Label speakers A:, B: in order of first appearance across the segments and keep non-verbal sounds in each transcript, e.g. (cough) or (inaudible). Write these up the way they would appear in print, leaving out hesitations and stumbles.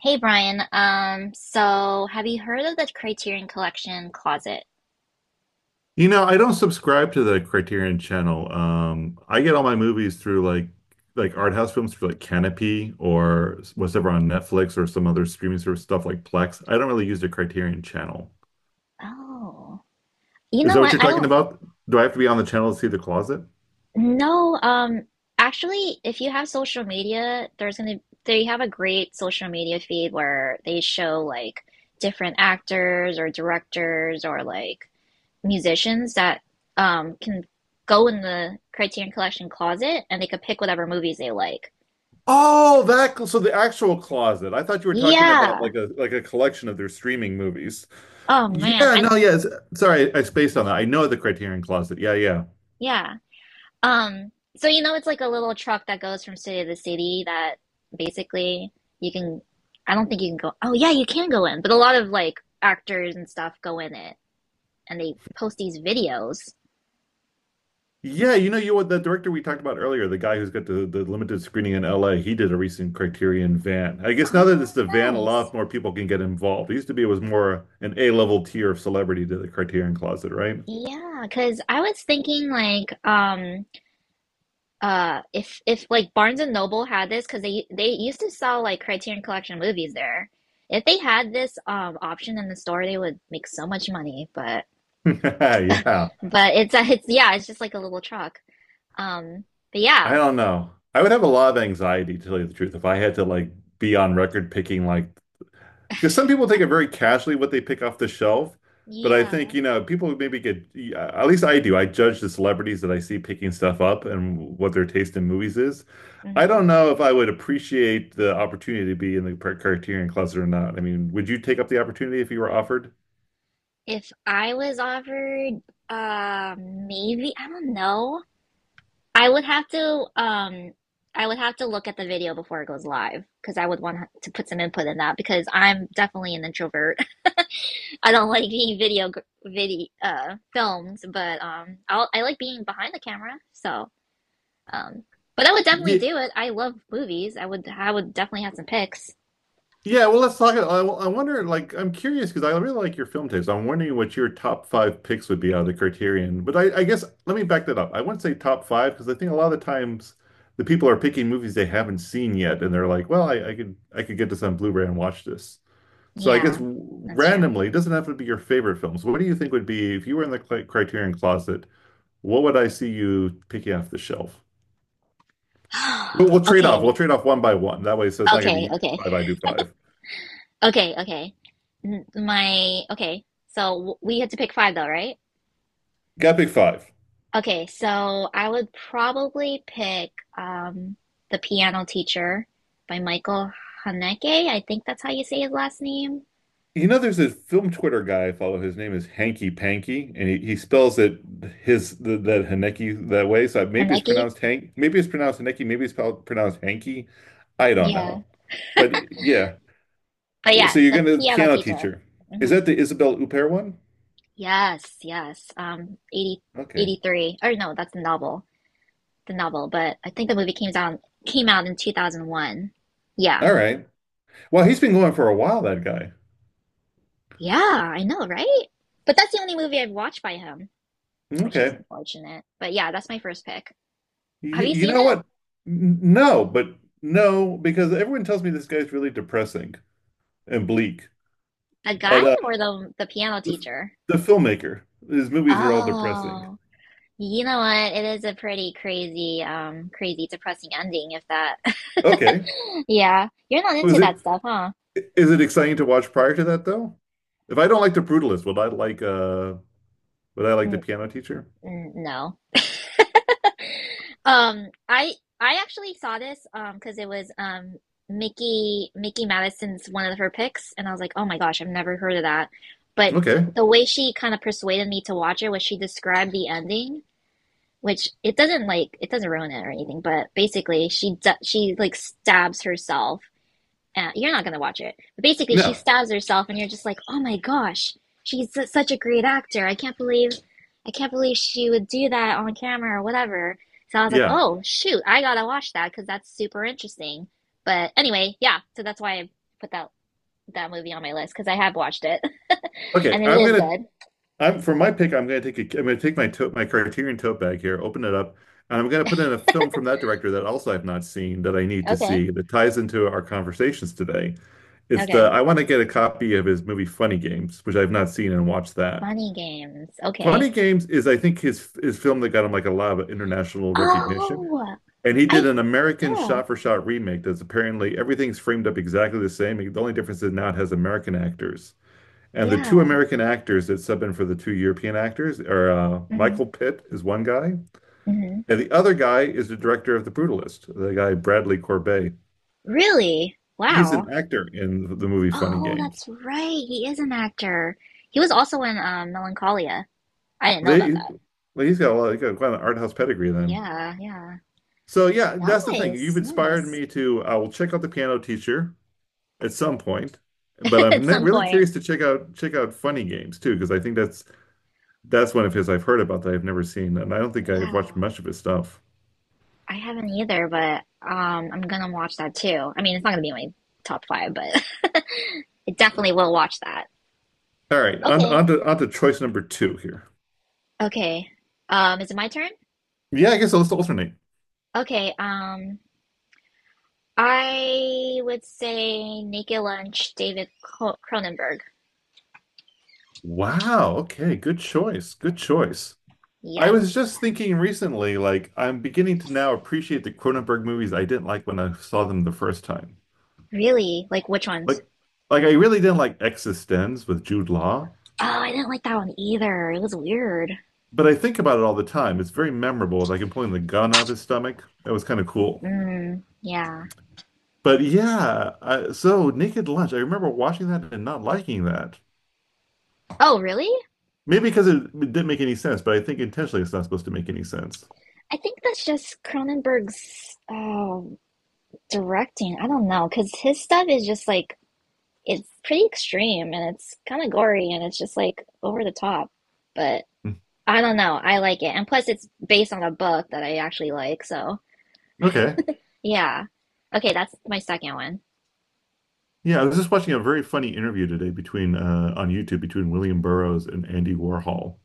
A: Hey Brian, so have you heard of the Criterion Collection Closet?
B: You know, I don't subscribe to the Criterion Channel. I get all my movies through like art house films through like Canopy or whatever on Netflix or some other streaming service stuff like Plex. I don't really use the Criterion Channel.
A: Oh, you
B: Is
A: know
B: that what
A: what?
B: you're
A: I
B: talking
A: don't
B: about? Do I have to be on the channel to see The Closet?
A: know. Actually, if you have social media, there's gonna they have a great social media feed where they show like different actors or directors or like musicians that can go in the Criterion Collection Closet and they could pick whatever movies they like.
B: Oh, so the actual closet. I thought you were talking about
A: Yeah.
B: like a collection of their streaming movies.
A: Oh man,
B: Yeah,
A: I
B: no,
A: don't.
B: yeah. Sorry, I spaced on that. I know the Criterion Closet. Yeah, yeah.
A: Yeah. Um, so you know, it's like a little truck that goes from city to city that basically you can, I don't think you can go, oh yeah, you can go in, but a lot of like actors and stuff go in it and they post these videos.
B: Yeah, you know you what the director we talked about earlier, the guy who's got the limited screening in LA, he did a recent Criterion van. I guess now that
A: Oh,
B: it's the van, a
A: nice.
B: lot more people can get involved. It used to be it was more an A-level tier of celebrity to the Criterion Closet, right?
A: Yeah, because I was thinking like if like Barnes and Noble had this because they used to sell like Criterion Collection movies there. If they had this option in the store, they would make so much money. But
B: (laughs) Yeah.
A: it's yeah, it's just like a little truck. Um, but
B: I
A: yeah.
B: don't know. I would have a lot of anxiety to tell you the truth if I had to like be on record picking like because some people take it very casually what they pick off the shelf, but I think,
A: Yeah.
B: you know, people maybe get, yeah, at least I do, I judge the celebrities that I see picking stuff up and what their taste in movies is. I
A: Hmm.
B: don't know if I would appreciate the opportunity to be in the Criterion Closet or not. I mean, would you take up the opportunity if you were offered?
A: If I was offered, maybe, I don't know. I would have to, I would have to look at the video before it goes live because I would want to put some input in that because I'm definitely an introvert. (laughs) I don't like being filmed, but, I like being behind the camera. So, um, but I would definitely
B: Yeah.
A: do it. I love movies. I would definitely have some picks.
B: Yeah, well, let's talk. I wonder, like, I'm curious because I really like your film taste. I'm wondering what your top five picks would be out of the Criterion. But I guess let me back that up. I wouldn't say top five because I think a lot of the times the people are picking movies they haven't seen yet, and they're like, "Well, I could I could get this on Blu-ray and watch this." So I guess
A: Yeah, that's true. (gasps)
B: randomly, it doesn't have to be your favorite films. What do you think would be if you were in the Criterion closet? What would I see you picking off the shelf? We'll
A: (sighs)
B: trade off. We'll
A: Okay.
B: trade off one by one. That way, so it's not going to be
A: Okay,
B: you do
A: okay,
B: five, I do five.
A: okay, okay. N- My okay. So we had to pick five though, right?
B: Got to pick five.
A: Okay, so I would probably pick um The Piano Teacher by Michael Haneke. I think that's how you say his last name.
B: You know, there's this film Twitter guy I follow. His name is Hanky Panky, and he spells it that Haneki that way. So maybe it's
A: Haneke?
B: pronounced Hank, maybe it's pronounced Haneki, maybe it's pronounced Hanky. I don't
A: Yeah.
B: know, but yeah.
A: But
B: Well, so
A: yeah,
B: you're
A: The
B: gonna
A: Piano
B: piano
A: Teacher.
B: teacher. Is
A: Hmm.
B: that the Isabel Huppert one?
A: Yes, yes. 80,
B: Okay,
A: 83. Or no, that's the novel. The novel, but I think the movie came down. Came out in 2001. Yeah.
B: all right. Well, he's been going for a while. That guy.
A: Yeah, I know, right? But that's the only movie I've watched by him, which is
B: Okay.
A: unfortunate. But yeah, that's my first pick.
B: Y
A: Have you
B: You
A: seen
B: know
A: it?
B: what? No, but no, because everyone tells me this guy's really depressing and bleak.
A: The guy
B: But
A: or the piano
B: The,
A: teacher?
B: the filmmaker. His movies are all depressing.
A: Oh, you know what? It is a pretty crazy, crazy, depressing ending if that. (laughs)
B: Okay.
A: Yeah, you're not into
B: Was
A: that
B: it
A: stuff, huh?
B: is it exciting to watch prior to that though? If I don't like The Brutalist, would I like The
A: N
B: Piano Teacher?
A: no. (laughs) Um, I I actually saw this because it was Mickey Madison's one of her picks, and I was like, oh my gosh, I've never heard of that. But
B: Okay.
A: the way she kind of persuaded me to watch it was she described the ending, which it doesn't ruin it or anything, but basically she like stabs herself you're not gonna watch it. But basically, she
B: No.
A: stabs herself, and you're just like, oh my gosh, she's such a great actor. I can't believe she would do that on camera or whatever. So I was like,
B: Yeah.
A: oh shoot, I gotta watch that because that's super interesting. But anyway, yeah. So that's why I put that movie on my list because I have watched it, (laughs)
B: Okay.
A: and it is good.
B: I'm for my pick. I'm going to take a, I'm going to take my tote, my Criterion tote bag here, open it up, and I'm going to put in a film from that director that also I've not seen that I need to
A: Okay,
B: see that ties into our conversations today. It's the
A: okay.
B: I want to get a copy of his movie Funny Games, which I've not seen and watch that.
A: Money Games. Okay.
B: Funny Games is I think his film that got him like a lot of international recognition.
A: Oh,
B: And he
A: I
B: did an American
A: yeah
B: shot-for-shot remake that's apparently everything's framed up exactly the same. The only difference is now it has American actors. And the two
A: yeah.
B: American actors that sub in for the two European actors are
A: hmm
B: Michael Pitt is one guy,
A: hmm.
B: and the other guy is the director of The Brutalist, the guy Bradley Corbet.
A: Really?
B: He's an
A: Wow.
B: actor in the movie Funny
A: Oh,
B: Games.
A: that's right. He is an actor. He was also in Melancholia. I didn't know about
B: They,
A: that.
B: well, he's got quite an art house pedigree then.
A: Yeah, yeah.
B: So yeah, that's the thing. You've
A: Nice,
B: inspired
A: nice.
B: me to. I will check out the Piano Teacher at some point, but
A: (laughs) At some
B: really
A: point.
B: curious to check out Funny Games too because I think that's one of his I've heard about that I've never seen, and I don't think I've watched
A: Yeah.
B: much of his stuff.
A: I haven't either, but I'm gonna watch that too. I mean, it's not gonna be in my top five, but (laughs) it definitely will watch that.
B: All right,
A: Okay.
B: on to choice number two here.
A: Okay. Is it my turn?
B: Yeah, I guess let's alternate.
A: Okay. I would say Naked Lunch, David Cronenberg.
B: Wow, okay, good choice. Good choice. I
A: Yes.
B: was just thinking recently, like I'm beginning to now appreciate the Cronenberg movies I didn't like when I saw them the first time.
A: Really? Like which ones?
B: Like like I really didn't like Existenz with Jude Law,
A: Oh, I didn't like that one either. It was weird.
B: but I think about it all the time. It's very memorable, like him pulling the gun out of his stomach. That was kind of cool.
A: Mm, yeah.
B: But yeah, I, so Naked Lunch, I remember watching that and not liking that.
A: Oh, really?
B: Maybe because it didn't make any sense, but I think intentionally it's not supposed to make any sense.
A: I think that's just Cronenberg's directing. I don't know, because his stuff is just like it's pretty extreme and it's kind of gory and it's just like over the top. But
B: Mm.
A: I don't know. I like it, and plus it's based on a book that I actually like. So
B: Okay.
A: yeah. Okay, that's my second one.
B: Yeah, I was just watching a very funny interview today between on YouTube between William Burroughs and Andy Warhol.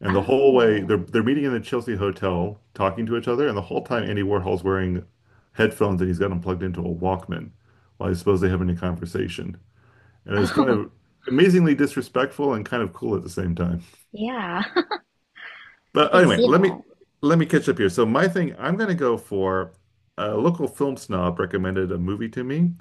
B: And the whole way
A: Oh,
B: they're meeting in the Chelsea hotel, talking to each other, and the whole time Andy Warhol's wearing headphones and he's got them plugged into a Walkman while he's supposedly having a conversation. And it's kind
A: oh,
B: of amazingly disrespectful and kind of cool at the same time.
A: yeah. (laughs) I
B: But
A: could
B: anyway,
A: see that.
B: let me catch up here. So my thing, I'm gonna go for a local film snob recommended a movie to me,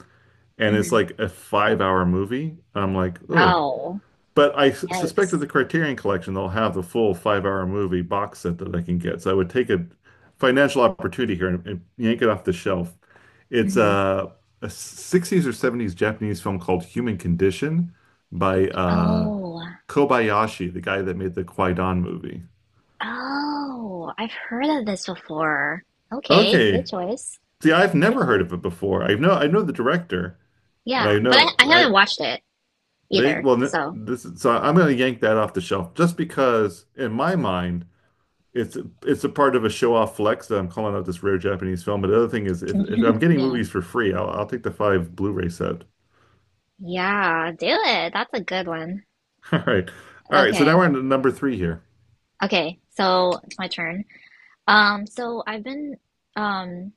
B: and it's
A: Hmm.
B: like a 5-hour movie. I'm like, oh.
A: Oh,
B: But suspect that
A: yikes.
B: the Criterion Collection they'll have the full 5-hour movie box set that I can get. So I would take a financial opportunity here and yank it off the shelf. It's
A: Hmm.
B: a, a 60s or 70s Japanese film called Human Condition by
A: Oh,
B: Kobayashi, the guy that made the Kwaidan movie.
A: oh, I've heard of this before. Okay, good
B: Okay,
A: choice.
B: see, I've
A: Good
B: never heard
A: choice.
B: of it before. I know the director, and
A: Yeah,
B: I
A: but
B: know
A: I haven't
B: I
A: watched it
B: they
A: either,
B: well
A: so
B: this is, so I'm going to yank that off the shelf just because in my mind it's it's a part of a show-off flex that I'm calling out this rare Japanese film. But the other thing is if I'm
A: (laughs)
B: getting
A: yeah.
B: movies for free, I'll take the five Blu-ray set.
A: Yeah, do it. That's a good one.
B: (laughs) All right. All right, so
A: Okay.
B: now we're on to number three here.
A: Okay, so it's my turn. So I've been um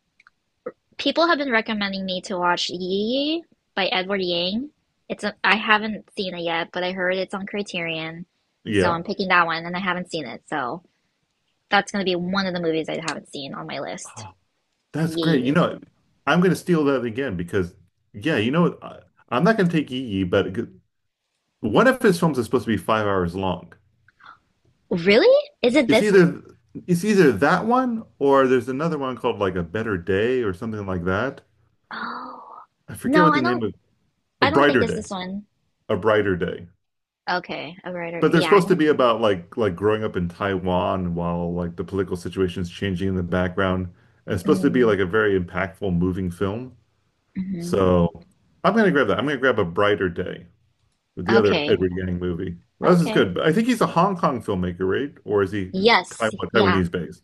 A: people have been recommending me to watch Yi by Edward Yang. I haven't seen it yet, but I heard it's on Criterion. So
B: Yeah.
A: I'm picking that one and I haven't seen it, so that's gonna be one of the movies I haven't seen on my list.
B: Oh, that's great. You
A: Yeah.
B: know, I'm going to steal that again because yeah, you know I'm not going to take Yi Yi, but one of his films is supposed to be 5 hours long.
A: Really? Is it
B: It's
A: this one?
B: either it's either that one or there's another one called like A Better Day or something like that.
A: Oh.
B: I forget
A: No,
B: what the name of A
A: I don't think
B: Brighter
A: it's
B: Day.
A: this one.
B: A Brighter Day.
A: Okay. A writer.
B: But they're
A: Yeah, I
B: supposed to be
A: haven't.
B: about like growing up in Taiwan while like the political situation's changing in the background. And it's supposed to be
A: Mm,
B: like a very impactful, moving film.
A: hmm.
B: So I'm gonna grab that. I'm gonna grab A Brighter Day with the other
A: Okay.
B: Edward Yang movie. Well, this is
A: Okay.
B: good. But I think he's a Hong Kong filmmaker, right? Or is he
A: Yes.
B: Taiwan,
A: Yeah.
B: Taiwanese based?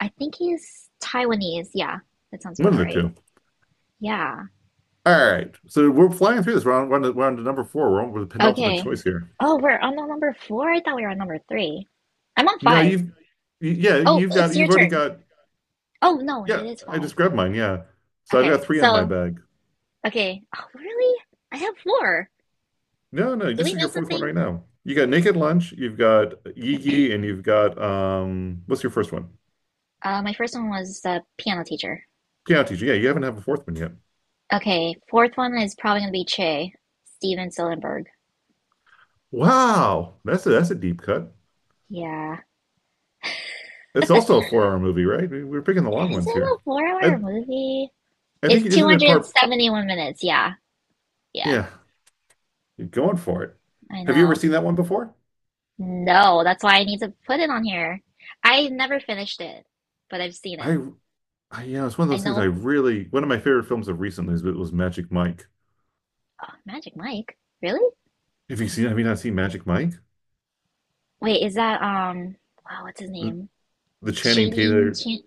A: I think he's Taiwanese. Yeah. That sounds
B: One
A: about
B: of the
A: right.
B: two.
A: Yeah.
B: All right, so we're flying through this. We're on to number four. We're on with the penultimate
A: Okay.
B: choice here.
A: Oh, we're on the number four? I thought we were on number three. I'm on
B: No,
A: five.
B: you've, y- yeah,
A: Oh,
B: you've
A: it's
B: got,
A: your
B: you've already
A: turn.
B: got,
A: Oh, no, it
B: yeah,
A: is
B: I
A: five.
B: just grabbed mine. Yeah. So I've
A: Okay.
B: got three in my bag.
A: Okay. Oh, really? I have four.
B: No, no,
A: Did
B: this
A: we
B: is your
A: miss
B: fourth one
A: something?
B: right now. You got Naked Lunch, you've got Yigi, and
A: (clears throat)
B: you've got, what's your first one?
A: My first one was the piano teacher.
B: Piano Teacher. Yeah, you haven't had a fourth one yet.
A: Okay, fourth one is probably gonna be Che, Steven Soderbergh.
B: Wow. That's a deep cut.
A: Yeah.
B: It's also a four-hour movie, right? We're picking the long
A: Is it
B: ones
A: a
B: here.
A: 4 hour
B: I,
A: movie?
B: I
A: It's
B: think, it not it part,
A: 271 minutes. Yeah. Yeah,
B: yeah, you're going for it.
A: I
B: Have you ever
A: know.
B: seen that one before?
A: No, that's why I need to put it on here. I never finished it, but I've seen it.
B: I I, you know, it's one of
A: I
B: those things
A: know
B: one of my favorite films of recently was Magic Mike.
A: oh, Magic Mike. Really?
B: Have you not seen Magic Mike?
A: Wait, is that wow, what's his
B: The,
A: name?
B: the Channing
A: Channing
B: Tatum,
A: Chan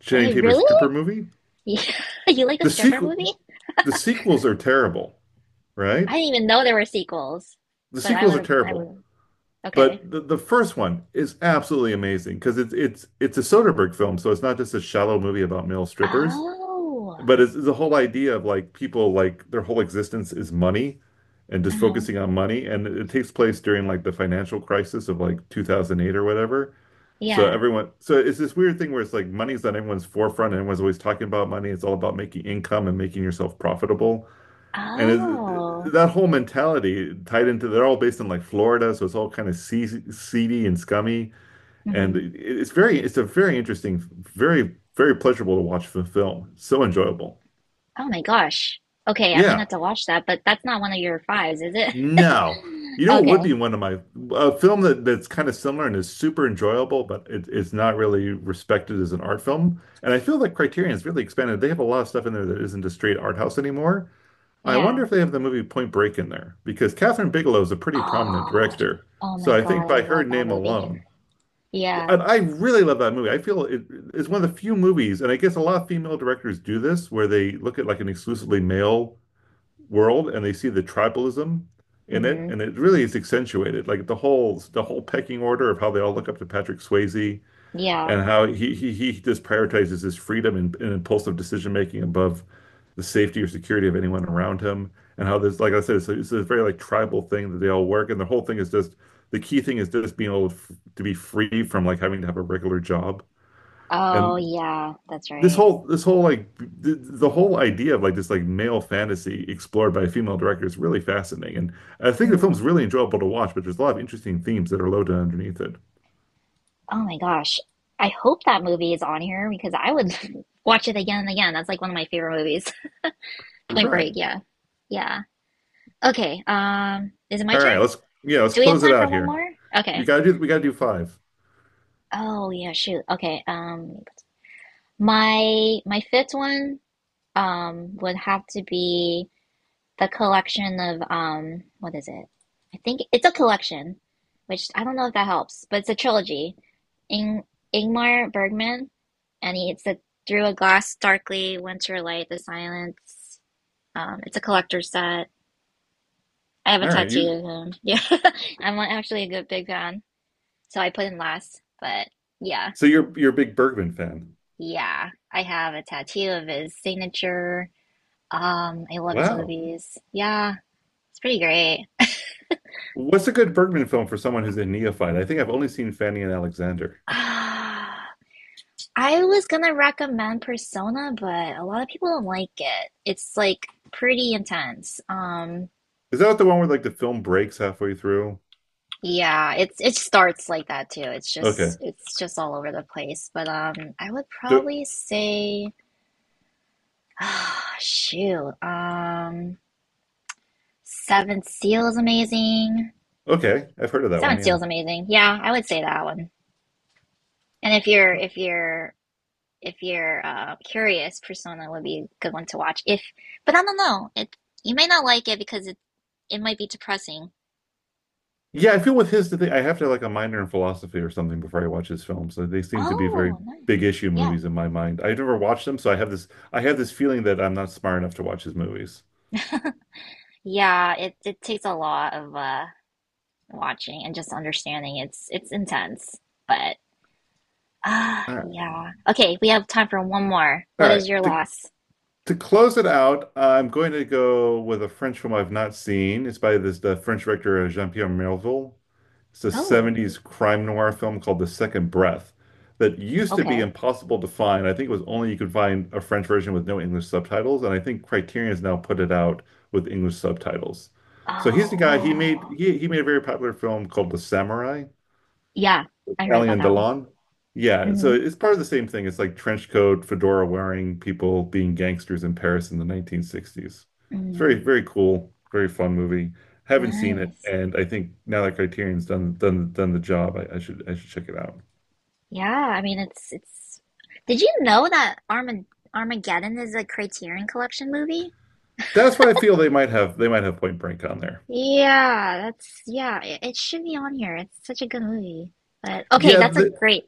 B: Channing Tatum
A: really?
B: stripper movie?
A: Yeah. (laughs) You like a
B: The
A: stripper
B: sequel,
A: movie?
B: the sequels are terrible, right?
A: I didn't even know there were sequels,
B: The
A: but I
B: sequels
A: would
B: are
A: have, I
B: terrible,
A: would, okay.
B: but the first one is absolutely amazing because it's it's a Soderbergh film, so it's not just a shallow movie about male strippers.
A: Oh,
B: But it's the whole idea of like people like their whole existence is money and just
A: uh-huh.
B: focusing on money. And it takes place during like the financial crisis of like 2008 or whatever. So
A: Yeah.
B: everyone, so it's this weird thing where it's like money's on everyone's forefront and everyone's always talking about money. It's all about making income and making yourself profitable. And
A: Oh,
B: that whole mentality tied into, they're all based in like Florida. So it's all kind of seedy seedy and scummy. And
A: hmm.
B: it's a very interesting, very, very pleasurable to watch the film. So enjoyable.
A: Oh my gosh. Okay, I'm gonna have
B: Yeah.
A: to watch that, but that's not one of your fives, is it? (laughs)
B: No. You know what would be
A: Okay.
B: one of my a film that's kind of similar and is super enjoyable, but it's not really respected as an art film. And I feel that Criterion's really expanded. They have a lot of stuff in there that isn't a straight art house anymore. I wonder
A: Yeah.
B: if they have the movie Point Break in there because Catherine Bigelow is a pretty prominent
A: Oh,
B: director.
A: oh my
B: So I think
A: God, I
B: by her
A: love that
B: name
A: movie.
B: alone,
A: Yeah.
B: I really love that movie. I feel it, it's one of the few movies, and I guess a lot of female directors do this, where they look at like an exclusively male world and they see the tribalism in it,
A: Hmm.
B: and it really is accentuated. Like the whole pecking order of how they all look up to Patrick Swayze
A: Yeah.
B: and how he just prioritizes his freedom and impulsive decision making above the safety or security of anyone around him, and how this, like I said, it's a very like tribal thing that they all work, and the whole thing is just the key thing is just being able to be free from like having to have a regular job.
A: Oh,
B: And
A: yeah, that's
B: this
A: right.
B: whole this whole like the whole idea of like this like male fantasy explored by a female director is really fascinating, and I think the film's
A: Mm.
B: really enjoyable to watch, but there's a lot of interesting themes that are loaded underneath it.
A: Oh my gosh. I hope that movie is on here because I would (laughs) watch it again and again. That's like one of my favorite movies. Point Break,
B: Right.
A: yeah. Yeah. Okay, is it my
B: all
A: turn?
B: right let's Yeah, let's
A: Do we have
B: close it
A: time for
B: out
A: one
B: here.
A: more? Okay.
B: We gotta do five.
A: Oh yeah, shoot. Okay. My fifth one would have to be the collection of what is it? I think it's a collection, which I don't know if that helps, but it's a trilogy. Ing Ingmar Bergman, and he, it's a Through a Glass, Darkly, Winter Light, The Silence. It's a collector's set. I have a
B: All right.
A: tattoo
B: You,
A: of him. (laughs) Yeah. I'm not actually a good big fan. So I put him last. But yeah.
B: so you're a big Bergman fan.
A: Yeah. I have a tattoo of his signature. I love his
B: Wow.
A: movies. Yeah. It's pretty great.
B: What's a good Bergman film for someone who's a neophyte? I think I've only seen Fanny and Alexander.
A: (sighs) I was gonna recommend Persona, but a lot of people don't like it. It's like pretty intense.
B: Is that the one where like the film breaks halfway through?
A: Yeah, it's it starts like that too.
B: Okay.
A: It's just all over the place. But I would
B: do,
A: probably say (sighs) ah, shoot. Seven Seal is amazing.
B: okay, I've heard of that one.
A: Seven Seal
B: Yeah.
A: is amazing. Yeah, I would say that one. And if you're if you're if you're curious, Persona would be a good one to watch. If, but I don't know. It you may not like it because it might be depressing.
B: Yeah, I feel with his the thing, I have to have like a minor in philosophy or something before I watch his films. So they seem to be very
A: Oh, nice.
B: big issue
A: Yeah,
B: movies in my mind. I never watched them, so I have this feeling that I'm not smart enough to watch his movies.
A: yeah. It takes a lot of watching and just understanding. It's intense, but (sighs) ah,
B: All right.
A: yeah. Okay, we have time for one more.
B: All
A: What
B: right.
A: is your
B: To
A: last?
B: to close it out, I'm going to go with a French film I've not seen. It's by this the French director Jean-Pierre Melville. It's a
A: Oh.
B: 70s crime noir film called The Second Breath that used to be
A: Okay.
B: impossible to find. I think it was only you could find a French version with no English subtitles, and I think Criterion's now put it out with English subtitles. So he's the
A: Oh,
B: guy, he made
A: wow.
B: he made a very popular film called The Samurai.
A: Yeah, I heard about
B: Alien
A: that one.
B: Delon. Yeah, so
A: Hmm.
B: it's part of the same thing. It's like trench coat, fedora wearing people being gangsters in Paris in the 1960s. It's very,
A: Mm,
B: very cool, very fun movie. Haven't seen it,
A: nice.
B: and I think now that Criterion's done done the job, I should check it out.
A: Yeah, I mean it's did you know that Armageddon is a Criterion Collection movie?
B: That's why I feel they might have Point Break on there.
A: Yeah, that's yeah, it should be on here. It's such a good movie. But okay,
B: Yeah,
A: that's a
B: the,
A: great.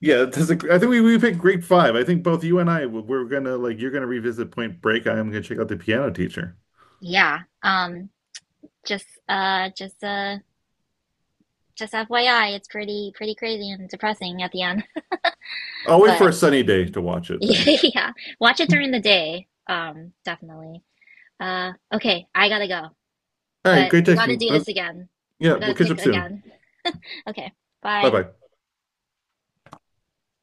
B: yeah. That's a, I think we picked Great Five. I think both you and I we're gonna like you're gonna revisit Point Break. I am gonna check out The Piano Teacher.
A: Yeah. Just uh just uh just FYI, it's pretty pretty crazy and depressing at the end. (laughs)
B: I'll wait for
A: But
B: a sunny day to watch
A: (laughs)
B: it then.
A: yeah, watch it during the day. Definitely. Okay, I gotta go,
B: All right,
A: but
B: great
A: we gotta
B: taking.
A: do this again.
B: Yeah,
A: We gotta
B: we'll catch
A: pick
B: up soon.
A: again. Okay,
B: Bye
A: bye.
B: bye.